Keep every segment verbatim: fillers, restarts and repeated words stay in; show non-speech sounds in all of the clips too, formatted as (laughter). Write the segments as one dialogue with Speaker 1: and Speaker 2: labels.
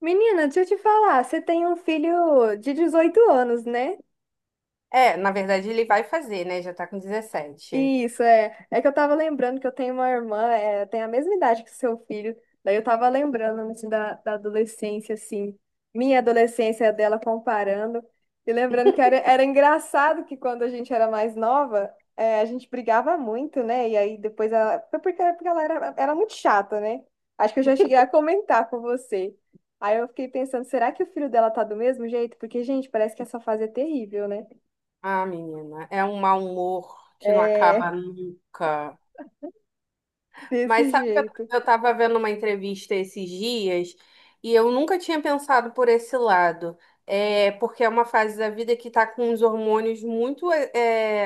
Speaker 1: Menina, deixa eu te falar, você tem um filho de dezoito anos, né?
Speaker 2: É, na verdade ele vai fazer, né? Já tá com dezessete.
Speaker 1: Isso, é. É que eu tava lembrando que eu tenho uma irmã, é, tem a mesma idade que o seu filho. Daí eu tava lembrando assim, da, da adolescência, assim, minha adolescência dela comparando. E lembrando que era, era engraçado que quando a gente era mais nova, é, a gente brigava muito, né? E aí depois ela. Foi porque, porque ela era, era muito chata, né? Acho que eu já cheguei a comentar com você. Aí eu fiquei pensando, será que o filho dela tá do mesmo jeito? Porque, gente, parece que essa fase é terrível, né?
Speaker 2: Ah, menina, é um mau humor que não acaba
Speaker 1: É,
Speaker 2: nunca.
Speaker 1: (laughs)
Speaker 2: Mas
Speaker 1: desse
Speaker 2: sabe que eu
Speaker 1: jeito.
Speaker 2: eu tava vendo uma entrevista esses dias e eu nunca tinha pensado por esse lado. É porque é uma fase da vida que tá com os hormônios muito é,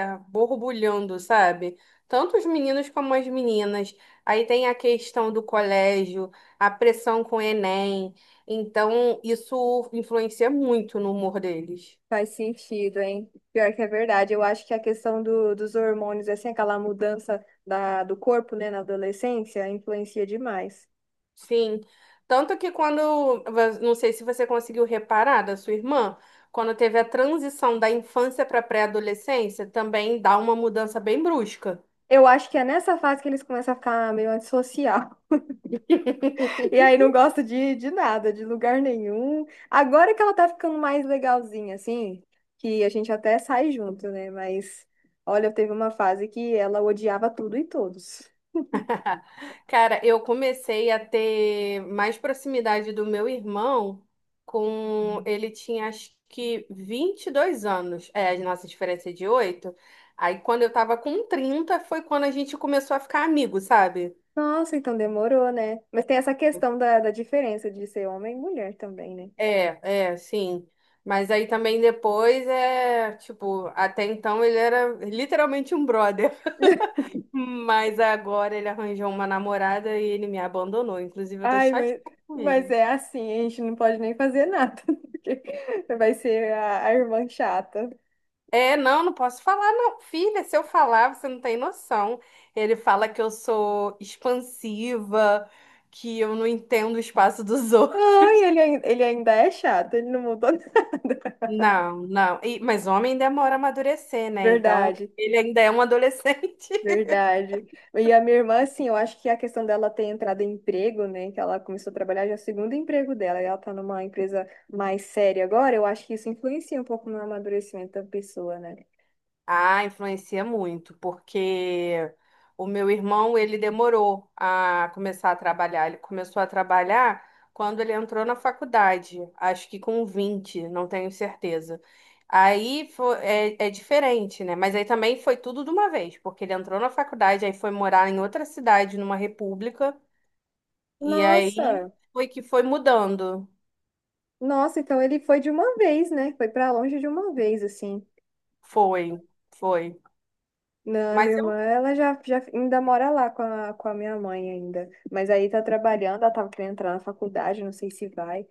Speaker 2: é, borbulhando, sabe? Tanto os meninos como as meninas. Aí tem a questão do colégio, a pressão com o Enem. Então, isso influencia muito no humor deles.
Speaker 1: Faz sentido, hein? Pior que é verdade. Eu acho que a questão do, dos hormônios, assim, aquela mudança da, do corpo, né, na adolescência, influencia demais.
Speaker 2: Sim. Tanto que quando, não sei se você conseguiu reparar da sua irmã, quando teve a transição da infância para pré-adolescência, também dá uma mudança bem brusca.
Speaker 1: Eu acho que é nessa fase que eles começam a ficar meio antissocial. (laughs) E aí
Speaker 2: (laughs)
Speaker 1: não gosta de, de nada, de lugar nenhum. Agora que ela tá ficando mais legalzinha, assim, que a gente até sai junto, né? Mas, olha, teve uma fase que ela odiava tudo e todos.
Speaker 2: Cara, eu comecei a ter mais proximidade do meu irmão com ele tinha acho que vinte e dois anos. É, a nossa diferença é de oito. Aí quando eu tava com trinta foi quando a gente começou a ficar amigo, sabe?
Speaker 1: Nossa, então demorou, né? Mas tem essa questão da, da diferença de ser homem e mulher também, né?
Speaker 2: É, é, sim. Mas aí também depois é, tipo, até então ele era literalmente um brother. (laughs) Mas agora ele arranjou uma namorada e ele me abandonou. Inclusive, eu tô
Speaker 1: Ai,
Speaker 2: chateada
Speaker 1: mas,
Speaker 2: com
Speaker 1: mas
Speaker 2: ele.
Speaker 1: é assim, a gente não pode nem fazer nada, (laughs) porque vai ser a, a irmã chata.
Speaker 2: É, não, não posso falar, não. Filha, se eu falar, você não tem noção. Ele fala que eu sou expansiva, que eu não entendo o espaço dos (laughs) outros.
Speaker 1: Ai, ele, ai- ele ainda é chato, ele não mudou (laughs) nada.
Speaker 2: Não, não. E- mas homem demora a amadurecer, né? Então,
Speaker 1: Verdade,
Speaker 2: ele ainda é um adolescente.
Speaker 1: verdade. E a minha irmã, assim, eu acho que a questão dela ter entrado em emprego, né, que ela começou a trabalhar já é o segundo emprego dela, e ela tá numa empresa mais séria agora, eu acho que isso influencia um pouco no amadurecimento da pessoa, né?
Speaker 2: Ah, influencia muito, porque o meu irmão, ele demorou a começar a trabalhar. Ele começou a trabalhar quando ele entrou na faculdade, acho que com vinte, não tenho certeza. Aí fo- é, é diferente, né? Mas aí também foi tudo de uma vez, porque ele entrou na faculdade, aí foi morar em outra cidade, numa república, e aí
Speaker 1: Nossa,
Speaker 2: foi que foi mudando.
Speaker 1: nossa, então ele foi de uma vez, né? Foi pra longe de uma vez, assim.
Speaker 2: Foi, foi.
Speaker 1: Não,
Speaker 2: Mas
Speaker 1: minha irmã, ela já, já ainda mora lá com a, com a minha mãe ainda. Mas aí tá trabalhando, ela tava querendo entrar na faculdade, não sei se vai.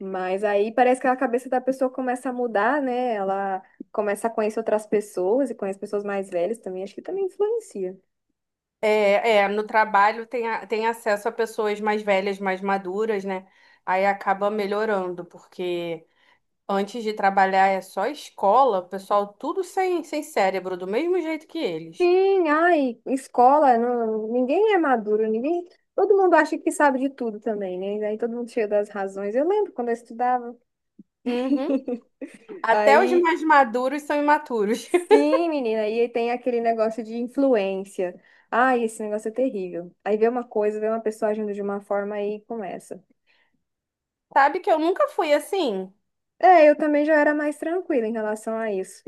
Speaker 1: Mas aí parece que a cabeça da pessoa começa a mudar, né? Ela começa a conhecer outras pessoas e conhece pessoas mais velhas também, acho que também influencia.
Speaker 2: é, é, no trabalho tem, a- tem acesso a pessoas mais velhas, mais maduras, né? Aí acaba melhorando, porque antes de trabalhar é só escola, o pessoal tudo sem, sem cérebro, do mesmo jeito que eles.
Speaker 1: Sim, ai, escola, não, ninguém é maduro, ninguém. Todo mundo acha que sabe de tudo também, né? Aí todo mundo cheio das razões. Eu lembro quando eu estudava.
Speaker 2: Uhum. Até os
Speaker 1: Aí
Speaker 2: mais maduros são imaturos. (laughs)
Speaker 1: Sim, menina, e aí tem aquele negócio de influência. Ai, esse negócio é terrível. Aí vê uma coisa, vê uma pessoa agindo de uma forma e começa.
Speaker 2: Sabe que eu nunca fui assim?
Speaker 1: É, eu também já era mais tranquila em relação a isso.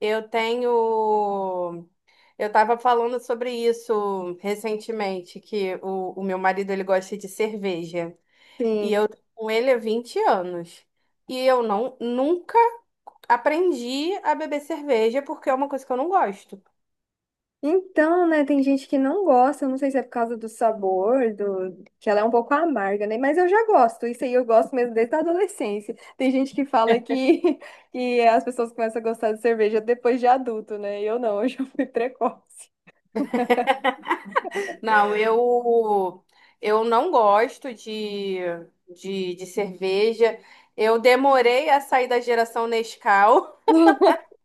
Speaker 2: Eu tenho. Eu estava falando sobre isso recentemente, que o, o meu marido ele gosta de cerveja. E
Speaker 1: Sim.
Speaker 2: eu tô com ele há vinte anos. E eu não nunca aprendi a beber cerveja porque é uma coisa que eu não gosto.
Speaker 1: Então, né, tem gente que não gosta, eu não sei se é por causa do sabor, do que ela é um pouco amarga, né? Mas eu já gosto, isso aí eu gosto mesmo desde a adolescência. Tem gente que fala que, (laughs) que as pessoas começam a gostar de cerveja depois de adulto, né? Eu não, (laughs) eu já fui precoce.
Speaker 2: Não, eu eu não gosto de, de, de cerveja. Eu demorei a sair da geração Nescau.
Speaker 1: (laughs)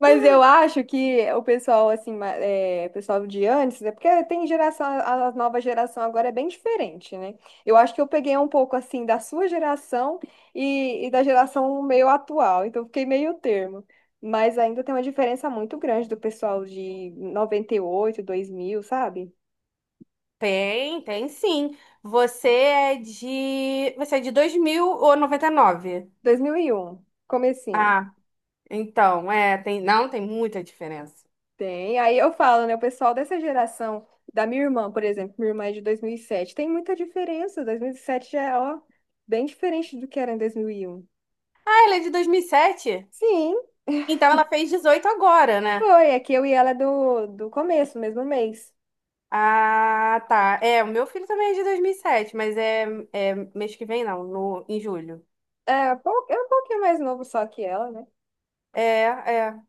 Speaker 1: Mas eu acho que o pessoal, assim, ma- é, pessoal de antes, é porque tem geração, a a nova geração agora é bem diferente, né? Eu acho que eu peguei um pouco, assim, da sua geração e, e da geração meio atual, então fiquei meio termo. Mas ainda tem uma diferença muito grande do pessoal de noventa e oito, dois mil, sabe?
Speaker 2: (laughs) Tem, tem sim. Você é de você é de dois mil ou noventa e nove?
Speaker 1: Dois mil e um, comecinho.
Speaker 2: Ah, então, é, tem, não, tem muita diferença.
Speaker 1: Tem. Aí eu falo, né? O pessoal dessa geração, da minha irmã, por exemplo, minha irmã é de dois mil e sete, tem muita diferença. dois mil e sete já é, ó, bem diferente do que era em dois mil e um.
Speaker 2: Ah, ela é de dois mil e sete?
Speaker 1: Sim, (laughs)
Speaker 2: Então ela fez dezoito agora, né?
Speaker 1: foi. É que eu e ela é do, do começo, mesmo mês.
Speaker 2: Ah, tá. É, o meu filho também é de dois mil e sete, mas é, é mês que vem, não, no, em julho.
Speaker 1: É, pou- é um pouquinho mais novo só que ela, né?
Speaker 2: É, é,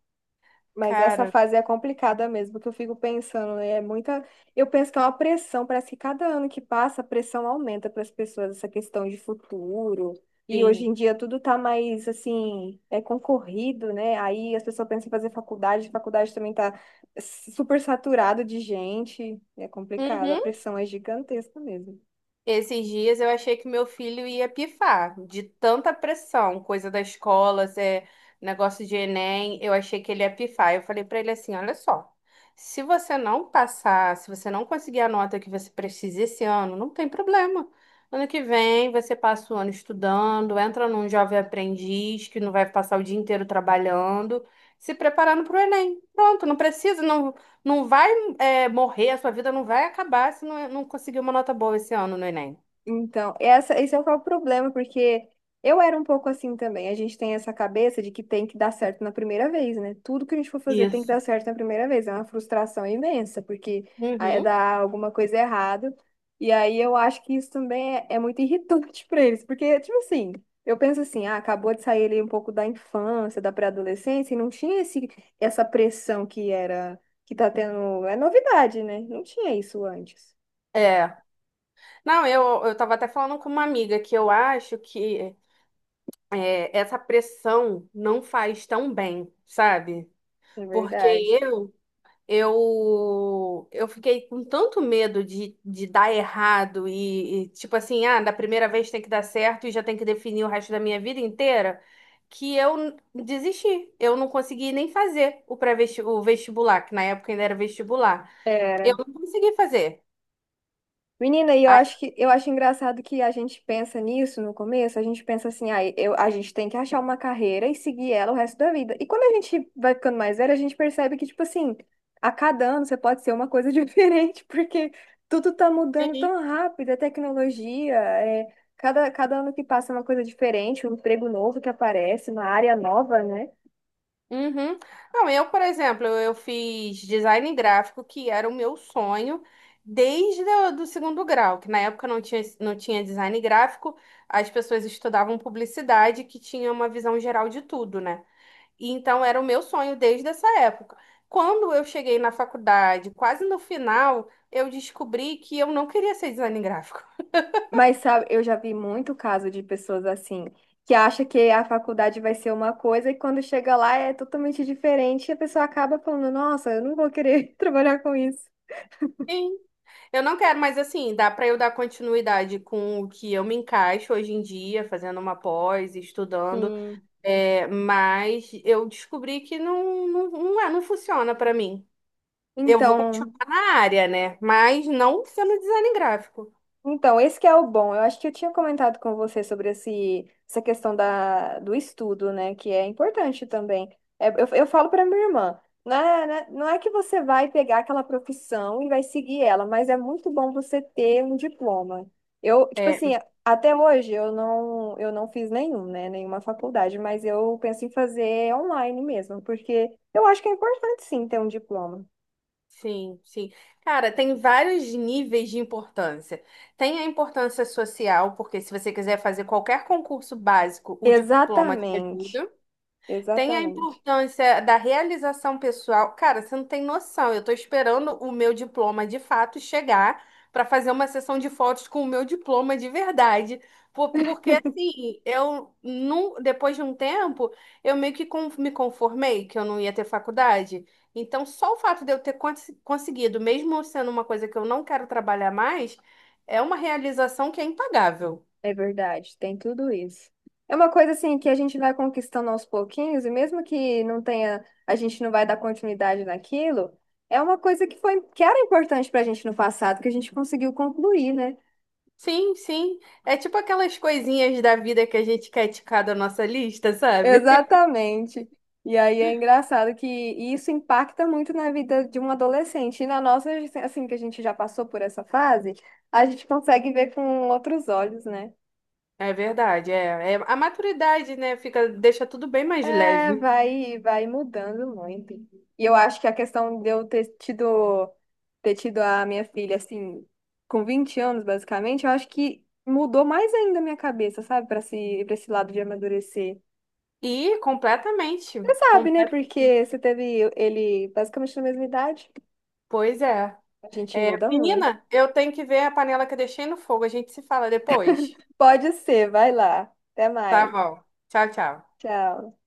Speaker 1: Mas essa
Speaker 2: cara,
Speaker 1: fase é complicada mesmo, que eu fico pensando, né, é muita. Eu penso que é uma pressão, parece que cada ano que passa, a pressão aumenta para as pessoas, essa questão de futuro. E hoje
Speaker 2: sim.
Speaker 1: em dia tudo tá mais assim, é concorrido, né? Aí as pessoas pensam em fazer faculdade, faculdade também tá super saturado de gente. É complicado, a
Speaker 2: Uhum.
Speaker 1: pressão é gigantesca mesmo.
Speaker 2: Esses dias eu achei que meu filho ia pifar de tanta pressão, coisa da escola, é, negócio de Enem, eu achei que ele ia pifar. Eu falei pra ele assim, olha só, se você não passar, se você não conseguir a nota que você precisa esse ano, não tem problema. Ano que vem você passa o ano estudando, entra num jovem aprendiz que não vai passar o dia inteiro trabalhando, se preparando para o Enem. Pronto, não precisa, não, não vai é, morrer, a sua vida não vai acabar se não, é, não conseguir uma nota boa esse ano no Enem.
Speaker 1: Então, essa, esse é o problema, porque eu era um pouco assim também. A gente tem essa cabeça de que tem que dar certo na primeira vez, né? Tudo que a gente for fazer tem que
Speaker 2: Isso.
Speaker 1: dar certo na primeira vez. É uma frustração imensa, porque aí
Speaker 2: Uhum.
Speaker 1: dá alguma coisa errada. E aí eu acho que isso também é, é muito irritante (laughs) para eles, porque, tipo assim, eu penso assim, ah, acabou de sair ali um pouco da infância, da pré-adolescência, e não tinha esse, essa pressão que era, que tá tendo. É novidade, né? Não tinha isso antes,
Speaker 2: É. Não, eu, eu tava até falando com uma amiga que eu acho que é, essa pressão não faz tão bem, sabe?
Speaker 1: na
Speaker 2: Porque
Speaker 1: verdade.
Speaker 2: eu Eu, eu fiquei com tanto medo de, de dar errado e, e, tipo assim, ah, da primeira vez tem que dar certo e já tem que definir o resto da minha vida inteira, que eu n- desisti. Eu não consegui nem fazer o pré-vestibular, o vestibular, que na época ainda era vestibular. Eu
Speaker 1: Era
Speaker 2: não consegui fazer.
Speaker 1: Menina, e eu
Speaker 2: Aí
Speaker 1: acho que eu acho engraçado que a gente pensa nisso no começo, a gente pensa assim, ah, eu, a gente tem que achar uma carreira e seguir ela o resto da vida. E quando a gente vai ficando mais velha, a gente percebe que, tipo assim, a cada ano você pode ser uma coisa (laughs) diferente, porque tudo tá mudando tão rápido, a tecnologia, é, cada, cada ano que passa é uma coisa diferente, um emprego novo que aparece, uma área nova, né?
Speaker 2: uhum. Não, eu, por exemplo, eu eu fiz design gráfico, que era o meu sonho desde o do segundo grau, que na época não tinha, não tinha design gráfico, as pessoas estudavam publicidade, que tinha uma visão geral de tudo, né? E então era o meu sonho desde essa época. Quando eu cheguei na faculdade, quase no final, eu descobri que eu não queria ser design gráfico.
Speaker 1: Mas sabe, eu já vi muito caso de pessoas assim, que acha que a faculdade vai ser uma coisa e quando chega lá é totalmente diferente e a pessoa acaba falando, nossa, eu não vou querer (laughs) trabalhar com isso.
Speaker 2: Sim. Eu não quero, mas assim, dá para eu dar continuidade com o que eu me encaixo hoje em dia, fazendo uma pós, estudando.
Speaker 1: Sim.
Speaker 2: É, mas eu descobri que não, não, não, é, não funciona pra mim. Eu vou continuar
Speaker 1: Então,
Speaker 2: na área, né? Mas não sendo design gráfico.
Speaker 1: Então, esse que é o bom. Eu acho que eu tinha comentado com você sobre esse, essa questão da, do estudo, né? Que é importante também. É, eu, eu falo para minha irmã, não é, né, não é que você vai pegar aquela profissão e vai seguir ela, mas é muito bom você ter um diploma. Eu, tipo
Speaker 2: É,
Speaker 1: assim, até hoje eu não, eu não fiz nenhum, né? Nenhuma faculdade, mas eu penso em fazer online mesmo, porque eu acho que é importante sim ter um diploma.
Speaker 2: sim, sim. Cara, tem vários níveis de importância. Tem a importância social, porque se você quiser fazer qualquer concurso básico, o diploma te
Speaker 1: Exatamente,
Speaker 2: ajuda. Tem a
Speaker 1: exatamente.
Speaker 2: importância da realização pessoal. Cara, você não tem noção. Eu tô esperando o meu diploma de fato chegar para fazer uma sessão de fotos com o meu diploma de verdade. Por- Porque assim, eu não, depois de um tempo, eu meio que con- me conformei que eu não ia ter faculdade. Então, só o fato de eu ter cons- conseguido, mesmo sendo uma coisa que eu não quero trabalhar mais, é uma realização que é impagável.
Speaker 1: É verdade, tem tudo isso. É uma coisa assim que a gente vai conquistando aos pouquinhos, e mesmo que não tenha, a gente não vai dar continuidade naquilo, é uma coisa que foi, que era importante pra gente no passado, que a gente conseguiu concluir, né?
Speaker 2: Sim, sim. É tipo aquelas coisinhas da vida que a gente quer ticar da nossa lista, sabe? (laughs)
Speaker 1: Exatamente. E aí é engraçado que isso impacta muito na vida de um adolescente. E na nossa, assim, que a gente já passou por essa fase, a gente consegue ver com outros olhos, né?
Speaker 2: É verdade, é, é a maturidade, né? Fica, deixa tudo bem mais
Speaker 1: É,
Speaker 2: leve.
Speaker 1: vai, vai mudando muito. E eu acho que a questão de eu ter tido, ter tido a minha filha, assim, com vinte anos, basicamente, eu acho que mudou mais ainda a minha cabeça, sabe? Pra esse, pra esse lado de amadurecer.
Speaker 2: E completamente,
Speaker 1: Você sabe, né?
Speaker 2: completamente.
Speaker 1: Porque você teve ele basicamente na mesma idade.
Speaker 2: Pois é.
Speaker 1: A gente
Speaker 2: É,
Speaker 1: muda muito.
Speaker 2: menina, eu tenho que ver a panela que eu deixei no fogo. A gente se fala depois.
Speaker 1: Pode ser, vai lá. Até
Speaker 2: Tá
Speaker 1: mais.
Speaker 2: bom. Tchau, tchau.
Speaker 1: Tchau.